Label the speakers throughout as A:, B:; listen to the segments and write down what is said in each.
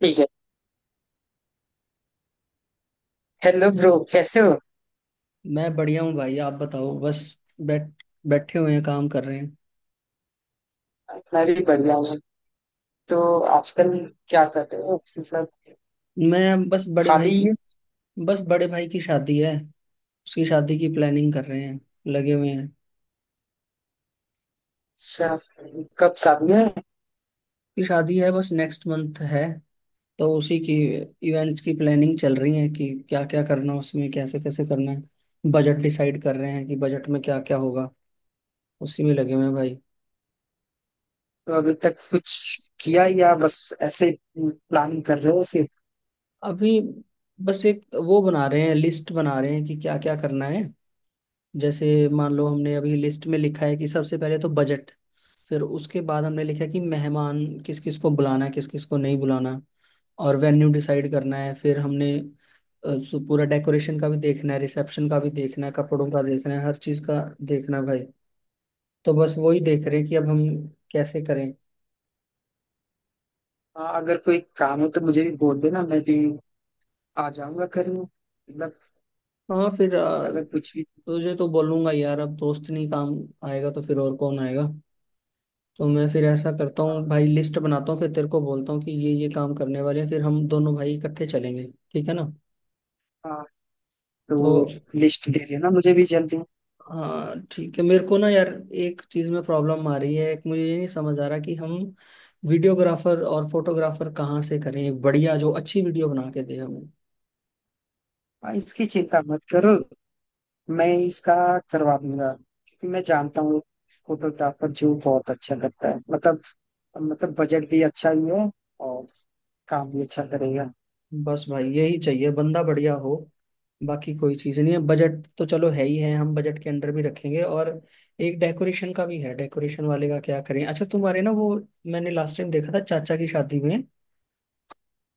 A: ठीक है। Hello bro, कैसे हो?
B: मैं बढ़िया हूँ भाई। आप बताओ। बस बैठ बैठे हुए हैं, काम कर रहे हैं।
A: मैं भी बढ़िया हूँ। तो आजकल क्या कर रहे हो, मतलब?
B: मैं बस बड़े भाई
A: खाली
B: की
A: ही।
B: बस बड़े भाई की शादी है। उसकी शादी की प्लानिंग कर रहे हैं, लगे हुए हैं।
A: शा- कब शादी है?
B: की शादी है, बस नेक्स्ट मंथ है। तो उसी की इवेंट्स की प्लानिंग चल रही है कि क्या क्या करना, उसमें कैसे कैसे करना है। बजट डिसाइड कर रहे हैं कि बजट में क्या क्या होगा। उसी में लगे हुए हैं भाई।
A: तो अभी तक कुछ किया या बस ऐसे प्लानिंग कर रहे हो सिर्फ?
B: अभी बस एक वो बना रहे हैं, लिस्ट बना रहे हैं कि क्या क्या करना है। जैसे मान लो, हमने अभी लिस्ट में लिखा है कि सबसे पहले तो बजट। फिर उसके बाद हमने लिखा कि मेहमान, किस किस को बुलाना है, किस किस को नहीं बुलाना। और वेन्यू डिसाइड करना है। फिर हमने पूरा डेकोरेशन का भी देखना है, रिसेप्शन का भी देखना है, कपड़ों का देखना है, हर चीज़ का देखना है भाई। तो बस वही देख रहे हैं कि अब हम कैसे करें।
A: हाँ, अगर कोई काम हो तो मुझे भी बोल देना, मैं भी आ जाऊंगा करने, मतलब।
B: हाँ,
A: अगर कुछ भी।
B: तुझे तो बोलूंगा यार। अब दोस्त नहीं काम आएगा तो फिर और कौन आएगा। तो मैं फिर ऐसा करता हूँ
A: हाँ।
B: भाई, लिस्ट बनाता हूँ, फिर तेरे को बोलता हूँ कि ये काम करने वाले हैं, फिर हम दोनों भाई इकट्ठे चलेंगे। ठीक है ना।
A: हाँ, तो
B: तो
A: लिस्ट दे देना मुझे भी जल्दी।
B: हाँ ठीक है। मेरे को ना यार एक चीज में प्रॉब्लम आ रही है। एक मुझे ये नहीं समझ आ रहा कि हम वीडियोग्राफर और फोटोग्राफर कहाँ से करें, एक बढ़िया जो अच्छी वीडियो बना के दे हमें।
A: हाँ, इसकी चिंता मत करो। मैं इसका करवा दूंगा, क्योंकि मैं जानता हूँ। फोटोग्राफर जो बहुत अच्छा करता है, मतलब। मतलब, बजट भी अच्छा ही है। और काम भी अच्छा करेगा।
B: बस भाई यही चाहिए, बंदा बढ़िया हो। बाकी कोई चीज़ नहीं है। बजट तो चलो है ही है, हम बजट के अंडर भी रखेंगे। और एक डेकोरेशन का भी है, डेकोरेशन वाले का क्या करें। अच्छा, तुम्हारे ना वो मैंने लास्ट टाइम देखा था चाचा की शादी में,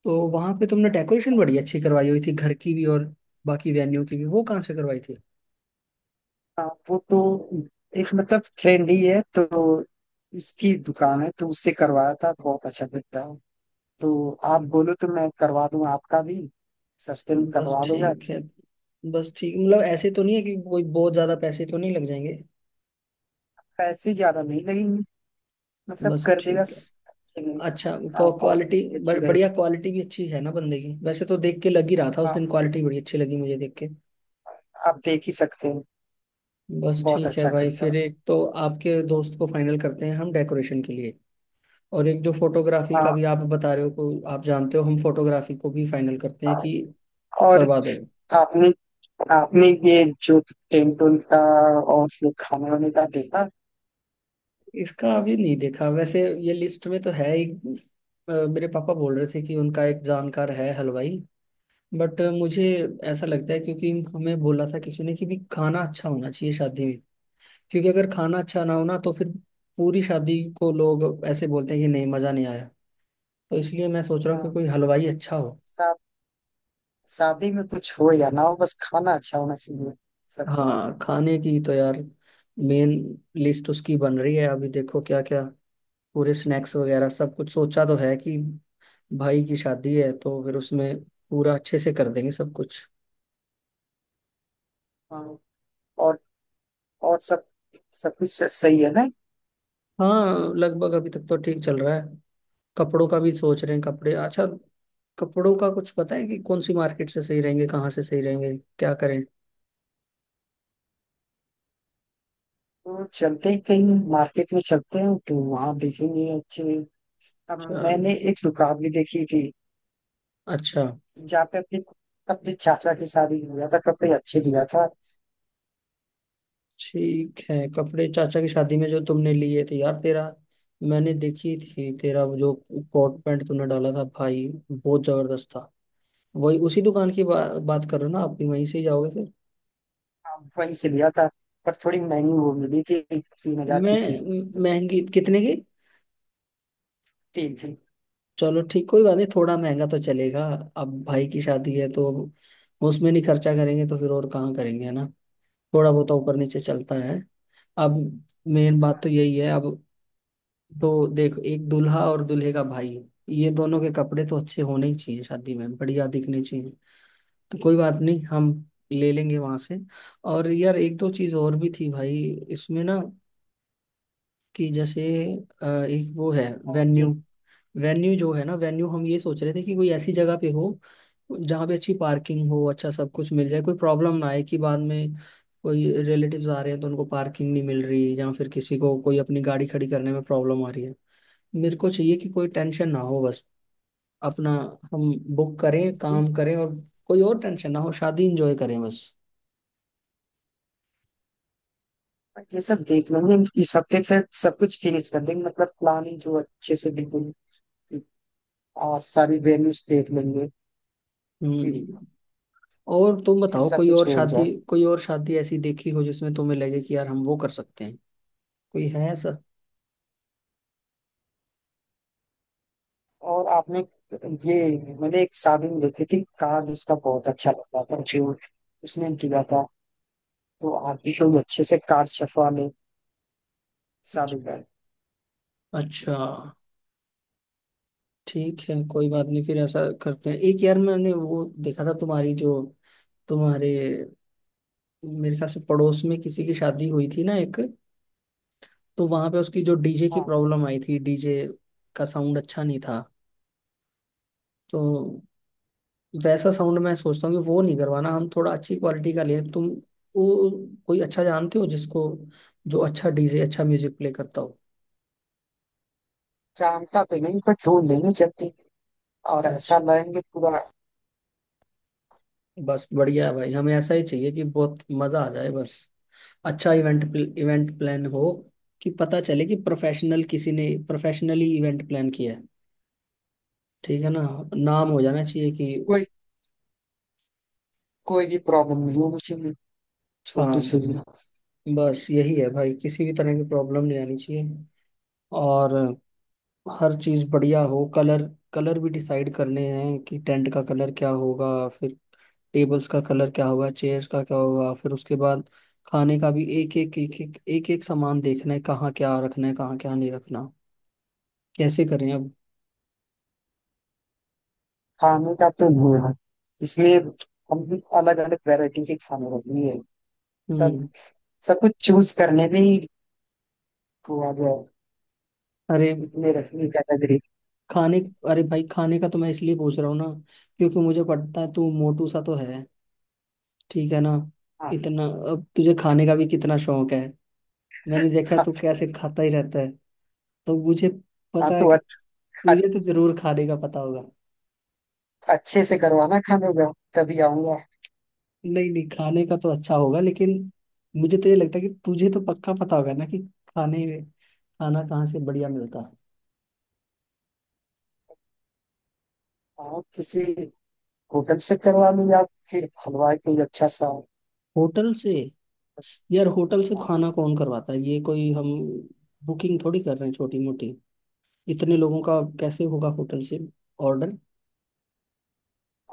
B: तो वहां पे तुमने डेकोरेशन बड़ी अच्छी करवाई हुई थी, घर की भी और बाकी वेन्यू की भी। वो कहाँ से करवाई थी?
A: हाँ, वो तो एक मतलब फ्रेंड ही है, तो उसकी दुकान है, तो उससे करवाया था। बहुत अच्छा दिखता है। तो आप बोलो तो मैं करवा दूं आपका भी। सस्ते में
B: बस
A: करवा दूंगा।
B: ठीक है। बस ठीक मतलब, ऐसे तो नहीं है कि कोई बहुत ज्यादा पैसे तो नहीं लग जाएंगे?
A: पैसे ज्यादा नहीं लगेंगे। मतलब,
B: बस
A: कर देगा
B: ठीक है।
A: अच्छे में।
B: अच्छा।
A: हाँ,
B: क्वालिटी
A: क्वालिटी अच्छी
B: बढ़िया,
A: रहेगी।
B: क्वालिटी भी अच्छी है ना बंदे की। वैसे तो देख के लग ही रहा था उस दिन,
A: हाँ,
B: क्वालिटी बड़ी अच्छी लगी मुझे देख के।
A: आप देख ही सकते हैं।
B: बस
A: बहुत
B: ठीक है
A: अच्छा
B: भाई,
A: करता है।
B: फिर एक तो आपके दोस्त को फाइनल करते हैं हम डेकोरेशन के लिए। और एक जो फोटोग्राफी का
A: हाँ,
B: भी आप बता रहे हो, को आप जानते हो, हम फोटोग्राफी को भी फाइनल करते हैं कि
A: और
B: करवा दो।
A: आपने आपने ये जो टेंटोन का और ये खाने वाने का देखा?
B: इसका अभी नहीं देखा। वैसे ये लिस्ट में तो है ही। मेरे पापा बोल रहे थे कि उनका एक जानकार है हलवाई, बट मुझे ऐसा लगता है, क्योंकि हमें बोला था किसी ने कि भी खाना अच्छा होना चाहिए शादी में। क्योंकि अगर खाना अच्छा ना हो ना, तो फिर पूरी शादी को लोग ऐसे बोलते हैं कि नहीं, मजा नहीं आया। तो इसलिए मैं सोच रहा हूँ कि
A: हाँ,
B: कोई हलवाई अच्छा हो।
A: शा- शादी में कुछ हो या ना हो, बस खाना अच्छा होना चाहिए। सब कुछ।
B: हाँ, खाने की तो यार मेन लिस्ट उसकी बन रही है अभी। देखो क्या क्या, पूरे स्नैक्स वगैरह सब कुछ सोचा तो है कि भाई की शादी है, तो फिर उसमें पूरा अच्छे से कर देंगे सब कुछ।
A: हाँ, और और सब सब कुछ सही है ना?
B: हाँ, लगभग अभी तक तो ठीक चल रहा है। कपड़ों का भी सोच रहे हैं, कपड़े अच्छा। कपड़ों का कुछ पता है कि कौन सी मार्केट से सही रहेंगे, कहाँ से सही रहेंगे, क्या करें?
A: तो चलते ही कहीं, मार्केट में चलते हैं तो वहां देखेंगे अच्छे। अब
B: चलो,
A: मैंने एक दुकान भी देखी थी,
B: अच्छा।
A: जहाँ पे अपनी अपनी चाचा की शादी में लिया था, कपड़े अच्छे लिया था।
B: ठीक है, कपड़े चाचा की शादी में जो तुमने लिए थे यार, तेरा मैंने देखी थी, तेरा वो जो कोट पैंट तूने डाला था भाई, बहुत जबरदस्त था। वही उसी दुकान की बात कर रहे हो ना? आप भी वहीं से ही जाओगे फिर?
A: हाँ, वहीं से लिया था। पर थोड़ी महंगी वो मिली थी, 3 हजार की थी।
B: मैं महंगी कितने की?
A: तीन थी।
B: चलो ठीक, कोई बात नहीं, थोड़ा महंगा तो चलेगा। अब भाई की शादी है, तो उसमें नहीं खर्चा करेंगे तो फिर और कहाँ करेंगे, है ना। थोड़ा बहुत तो ऊपर नीचे चलता है। अब मेन
A: हाँ,
B: बात तो यही है अब। तो देख, एक दूल्हा और दूल्हे का भाई, ये दोनों के कपड़े तो अच्छे होने ही चाहिए, शादी में बढ़िया दिखने चाहिए। तो कोई बात नहीं, हम ले लेंगे वहां से। और यार, एक दो चीज और भी थी भाई इसमें ना, कि जैसे एक वो है
A: और
B: वेन्यू। वेन्यू जो है ना, वेन्यू हम ये सोच रहे थे कि कोई ऐसी जगह पे हो जहाँ पे अच्छी पार्किंग हो, अच्छा सब कुछ मिल जाए, कोई प्रॉब्लम ना आए कि बाद में कोई रिलेटिव्स आ रहे हैं तो उनको पार्किंग नहीं मिल रही, या फिर किसी को कोई अपनी गाड़ी खड़ी करने में प्रॉब्लम आ रही है। मेरे को चाहिए कि कोई टेंशन ना हो बस। अपना हम बुक करें,
A: ये
B: काम करें और कोई और टेंशन ना हो, शादी इंजॉय करें बस।
A: ये सब देख लेंगे। इस हफ्ते तक सब कुछ फिनिश कर देंगे, मतलब प्लानिंग जो अच्छे से बिल्कुल। और सारी वेन्यूज देख लेंगे। फिर
B: हम्म। और तुम
A: फिर
B: बताओ,
A: सब
B: कोई
A: कुछ
B: और
A: हो
B: शादी,
A: जाए।
B: कोई और शादी ऐसी देखी हो जिसमें तुम्हें लगे कि यार हम वो कर सकते हैं? कोई है ऐसा?
A: और आपने ये मैंने एक शादी में देखी थी, कार्ड उसका बहुत अच्छा लगा था जो उसने किया था। तो आप एकदम अच्छे से कार चफवा में साबित है।
B: अच्छा, ठीक है, कोई बात नहीं, फिर ऐसा करते हैं। एक यार मैंने वो देखा था, तुम्हारी जो तुम्हारे मेरे ख्याल से पड़ोस में किसी की शादी हुई थी ना एक, तो वहां पे उसकी जो डीजे की
A: हाँ,
B: प्रॉब्लम आई थी, डीजे का साउंड अच्छा नहीं था। तो वैसा साउंड मैं सोचता हूँ कि वो नहीं करवाना, हम थोड़ा अच्छी क्वालिटी का लें। तुम वो कोई अच्छा जानते हो जिसको, जो अच्छा डीजे, अच्छा म्यूजिक प्ले करता हो?
A: जानता तो नहीं पर ढूंढ लेंगे जल्दी। और ऐसा
B: अच्छा।
A: लाएंगे पूरा।
B: बस बढ़िया है भाई, हमें ऐसा ही चाहिए कि बहुत मजा आ जाए बस। अच्छा इवेंट, इवेंट प्लान हो कि पता चले कि प्रोफेशनल, किसी ने प्रोफेशनली इवेंट प्लान किया है। ठीक है ना। नाम हो जाना चाहिए कि।
A: कोई कोई भी प्रॉब्लम नहीं होनी चाहिए। छोटी
B: हाँ,
A: सी भी।
B: बस यही है भाई, किसी भी तरह की प्रॉब्लम नहीं आनी चाहिए। और हर चीज़ बढ़िया हो, कलर। कलर भी डिसाइड करने हैं कि टेंट का कलर क्या होगा, फिर टेबल्स का कलर क्या होगा, चेयर्स का क्या होगा। फिर उसके बाद खाने का भी एक एक एक एक एक एक सामान देखना है, कहाँ क्या रखना है, कहाँ क्या नहीं रखना। कैसे करें अब?
A: खाने का तो नहीं है इसमें। हम भी अलग अलग वैरायटी के खाने रखनी है। तब
B: हम्म।
A: सब कुछ चूज करने में ही वो आ गया है।
B: अरे
A: इतने रखनी कैटेगरी।
B: खाने, अरे भाई खाने का तो मैं इसलिए पूछ रहा हूँ ना क्योंकि मुझे पता है तू मोटू सा तो है, ठीक है ना।
A: हाँ,
B: इतना, अब तुझे खाने का भी कितना शौक है। मैंने देखा है
A: हाँ,
B: तू कैसे खाता ही रहता है। तो मुझे
A: हाँ,
B: पता है
A: तो
B: कि तुझे तो
A: अच-
B: जरूर खाने का पता होगा।
A: अच्छे से करवाना खाने का। तभी आऊंगा।
B: नहीं नहीं, खाने का तो अच्छा होगा, लेकिन मुझे तो ये लगता है कि तुझे तो पक्का पता होगा ना कि खाने, खाना कहाँ से बढ़िया मिलता है।
A: हाँ, किसी होटल से करवा लूँ या फिर हलवाई कोई अच्छा सा।
B: होटल से? यार होटल से
A: हाँ,
B: खाना कौन करवाता है, ये कोई हम बुकिंग थोड़ी कर रहे हैं छोटी मोटी। इतने लोगों का कैसे होगा होटल से ऑर्डर?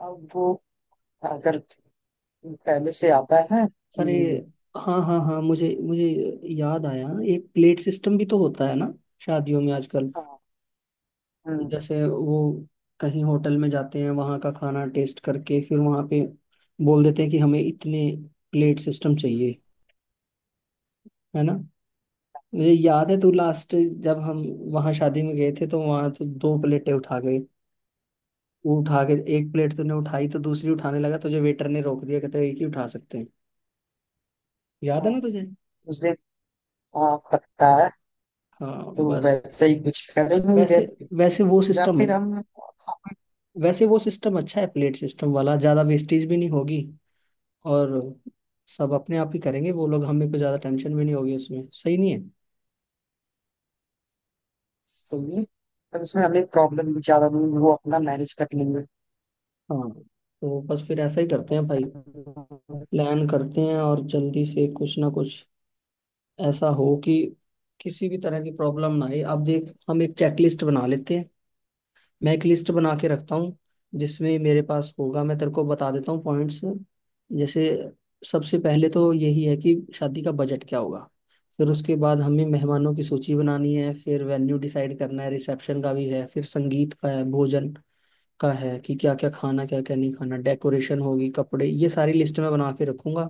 A: अब वो अगर पहले से आता है कि।
B: अरे हाँ हाँ हाँ, मुझे मुझे याद आया, एक प्लेट सिस्टम भी तो होता है ना शादियों में आजकल।
A: हाँ। हम्म,
B: जैसे वो कहीं होटल में जाते हैं, वहाँ का खाना टेस्ट करके, फिर वहाँ पे बोल देते हैं कि हमें इतने प्लेट सिस्टम चाहिए, है ना। मुझे याद है तू, लास्ट जब हम वहाँ शादी में गए थे तो वहाँ तो दो प्लेटें उठा गए। वो उठा के एक प्लेट तूने उठाई, तो दूसरी उठाने लगा तुझे वेटर ने रोक दिया, कहते एक ही उठा सकते हैं। याद है ना
A: हाँ,
B: तुझे?
A: उस दिन। हाँ, पकता है।
B: हाँ
A: तो
B: बस।
A: वैसे ही कुछ करेंगे ही
B: वैसे
A: देन।
B: वैसे वो
A: या
B: सिस्टम है,
A: फिर हम, हाँ।
B: वैसे वो सिस्टम अच्छा है, प्लेट सिस्टम वाला। ज्यादा वेस्टेज भी नहीं होगी, और सब अपने आप ही करेंगे वो लोग, हमें को ज्यादा टेंशन भी नहीं होगी उसमें, सही नहीं है?
A: सही है। पर उसमें हमें प्रॉब्लम भी ज्यादा नहीं, वो अपना मैनेज कर लेंगे।
B: हाँ। तो बस फिर ऐसा ही करते
A: बस
B: हैं भाई,
A: हम-
B: प्लान करते हैं और जल्दी से कुछ ना कुछ ऐसा हो कि किसी भी तरह की प्रॉब्लम ना आए। अब देख, हम एक चेकलिस्ट बना लेते हैं। मैं एक लिस्ट बना के रखता हूँ जिसमें मेरे पास होगा, मैं तेरे को बता देता हूँ पॉइंट्स। जैसे सबसे पहले तो यही है कि शादी का बजट क्या होगा। फिर उसके बाद हमें मेहमानों की सूची बनानी है, फिर वेन्यू डिसाइड करना है, रिसेप्शन का भी है, फिर संगीत का है, भोजन का है कि क्या क्या खाना, क्या क्या नहीं खाना, डेकोरेशन होगी, कपड़े, ये सारी लिस्ट मैं बना के रखूंगा।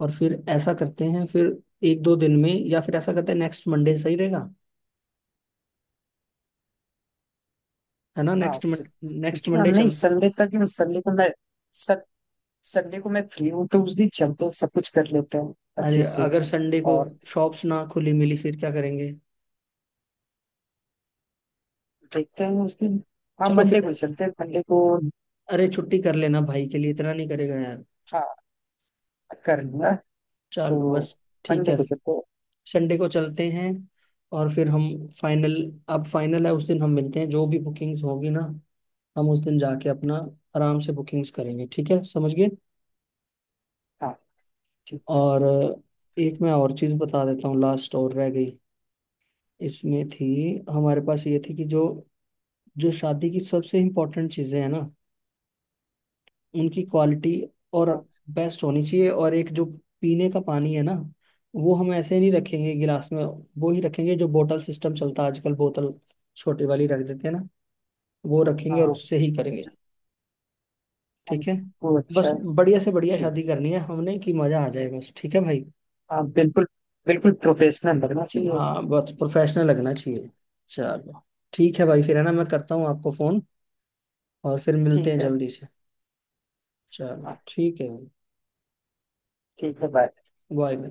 B: और फिर ऐसा करते हैं, फिर एक दो दिन में, या फिर ऐसा करते हैं नेक्स्ट मंडे सही रहेगा, है ना।
A: हाँ,
B: नेक्स्ट मंडे, नेक्स्ट
A: क्योंकि हम
B: मंडे
A: नहीं
B: चल।
A: संडे तक, संडे को मैं सं- संडे को मैं फ्री हूँ, तो उस दिन चलते हैं, सब कुछ कर लेते हैं
B: अरे
A: अच्छे से।
B: अगर संडे को
A: और
B: शॉप्स ना खुली मिली फिर क्या करेंगे?
A: देखते हैं उस दिन। हाँ,
B: चलो
A: मंडे
B: फिर।
A: को ही चलते हैं, मंडे को।
B: अरे छुट्टी कर लेना, भाई के लिए इतना नहीं करेगा यार।
A: हाँ, कर लूंगा। तो
B: चलो बस, ठीक
A: मंडे
B: है।
A: को चलते हैं।
B: संडे को चलते हैं और फिर हम फाइनल, अब फाइनल है उस दिन हम मिलते हैं, जो भी बुकिंग्स होगी ना, हम उस दिन जाके अपना आराम से बुकिंग्स करेंगे। ठीक है, समझ गए।
A: हाँ। ठीक है।
B: और एक मैं और चीज़ बता देता हूँ, लास्ट और रह गई इसमें थी। हमारे पास ये थी कि जो जो शादी की सबसे इम्पोर्टेंट चीज़ें हैं ना, उनकी क्वालिटी और
A: हाँ,
B: बेस्ट होनी चाहिए। और एक जो पीने का पानी है ना, वो हम ऐसे नहीं रखेंगे गिलास में, वो ही रखेंगे जो बोतल सिस्टम चलता है आजकल, बोतल छोटी वाली रख देते हैं ना, वो रखेंगे और
A: हाँ,
B: उससे ही करेंगे।
A: हाँ,
B: ठीक है।
A: वो अच्छा
B: बस
A: है।
B: बढ़िया से बढ़िया शादी
A: ठीक।
B: करनी है हमने कि मजा आ जाए बस। ठीक है भाई।
A: हाँ बिल्कुल। बिल्कुल प्रोफेशनल लगना चाहिए।
B: हाँ बस प्रोफेशनल लगना चाहिए। चलो, ठीक है भाई। फिर है ना, मैं करता हूँ आपको फोन और फिर मिलते हैं
A: ठीक है।
B: जल्दी से। चलो
A: हाँ,
B: ठीक है भाई।
A: ठीक है, बाय।
B: Bye bye.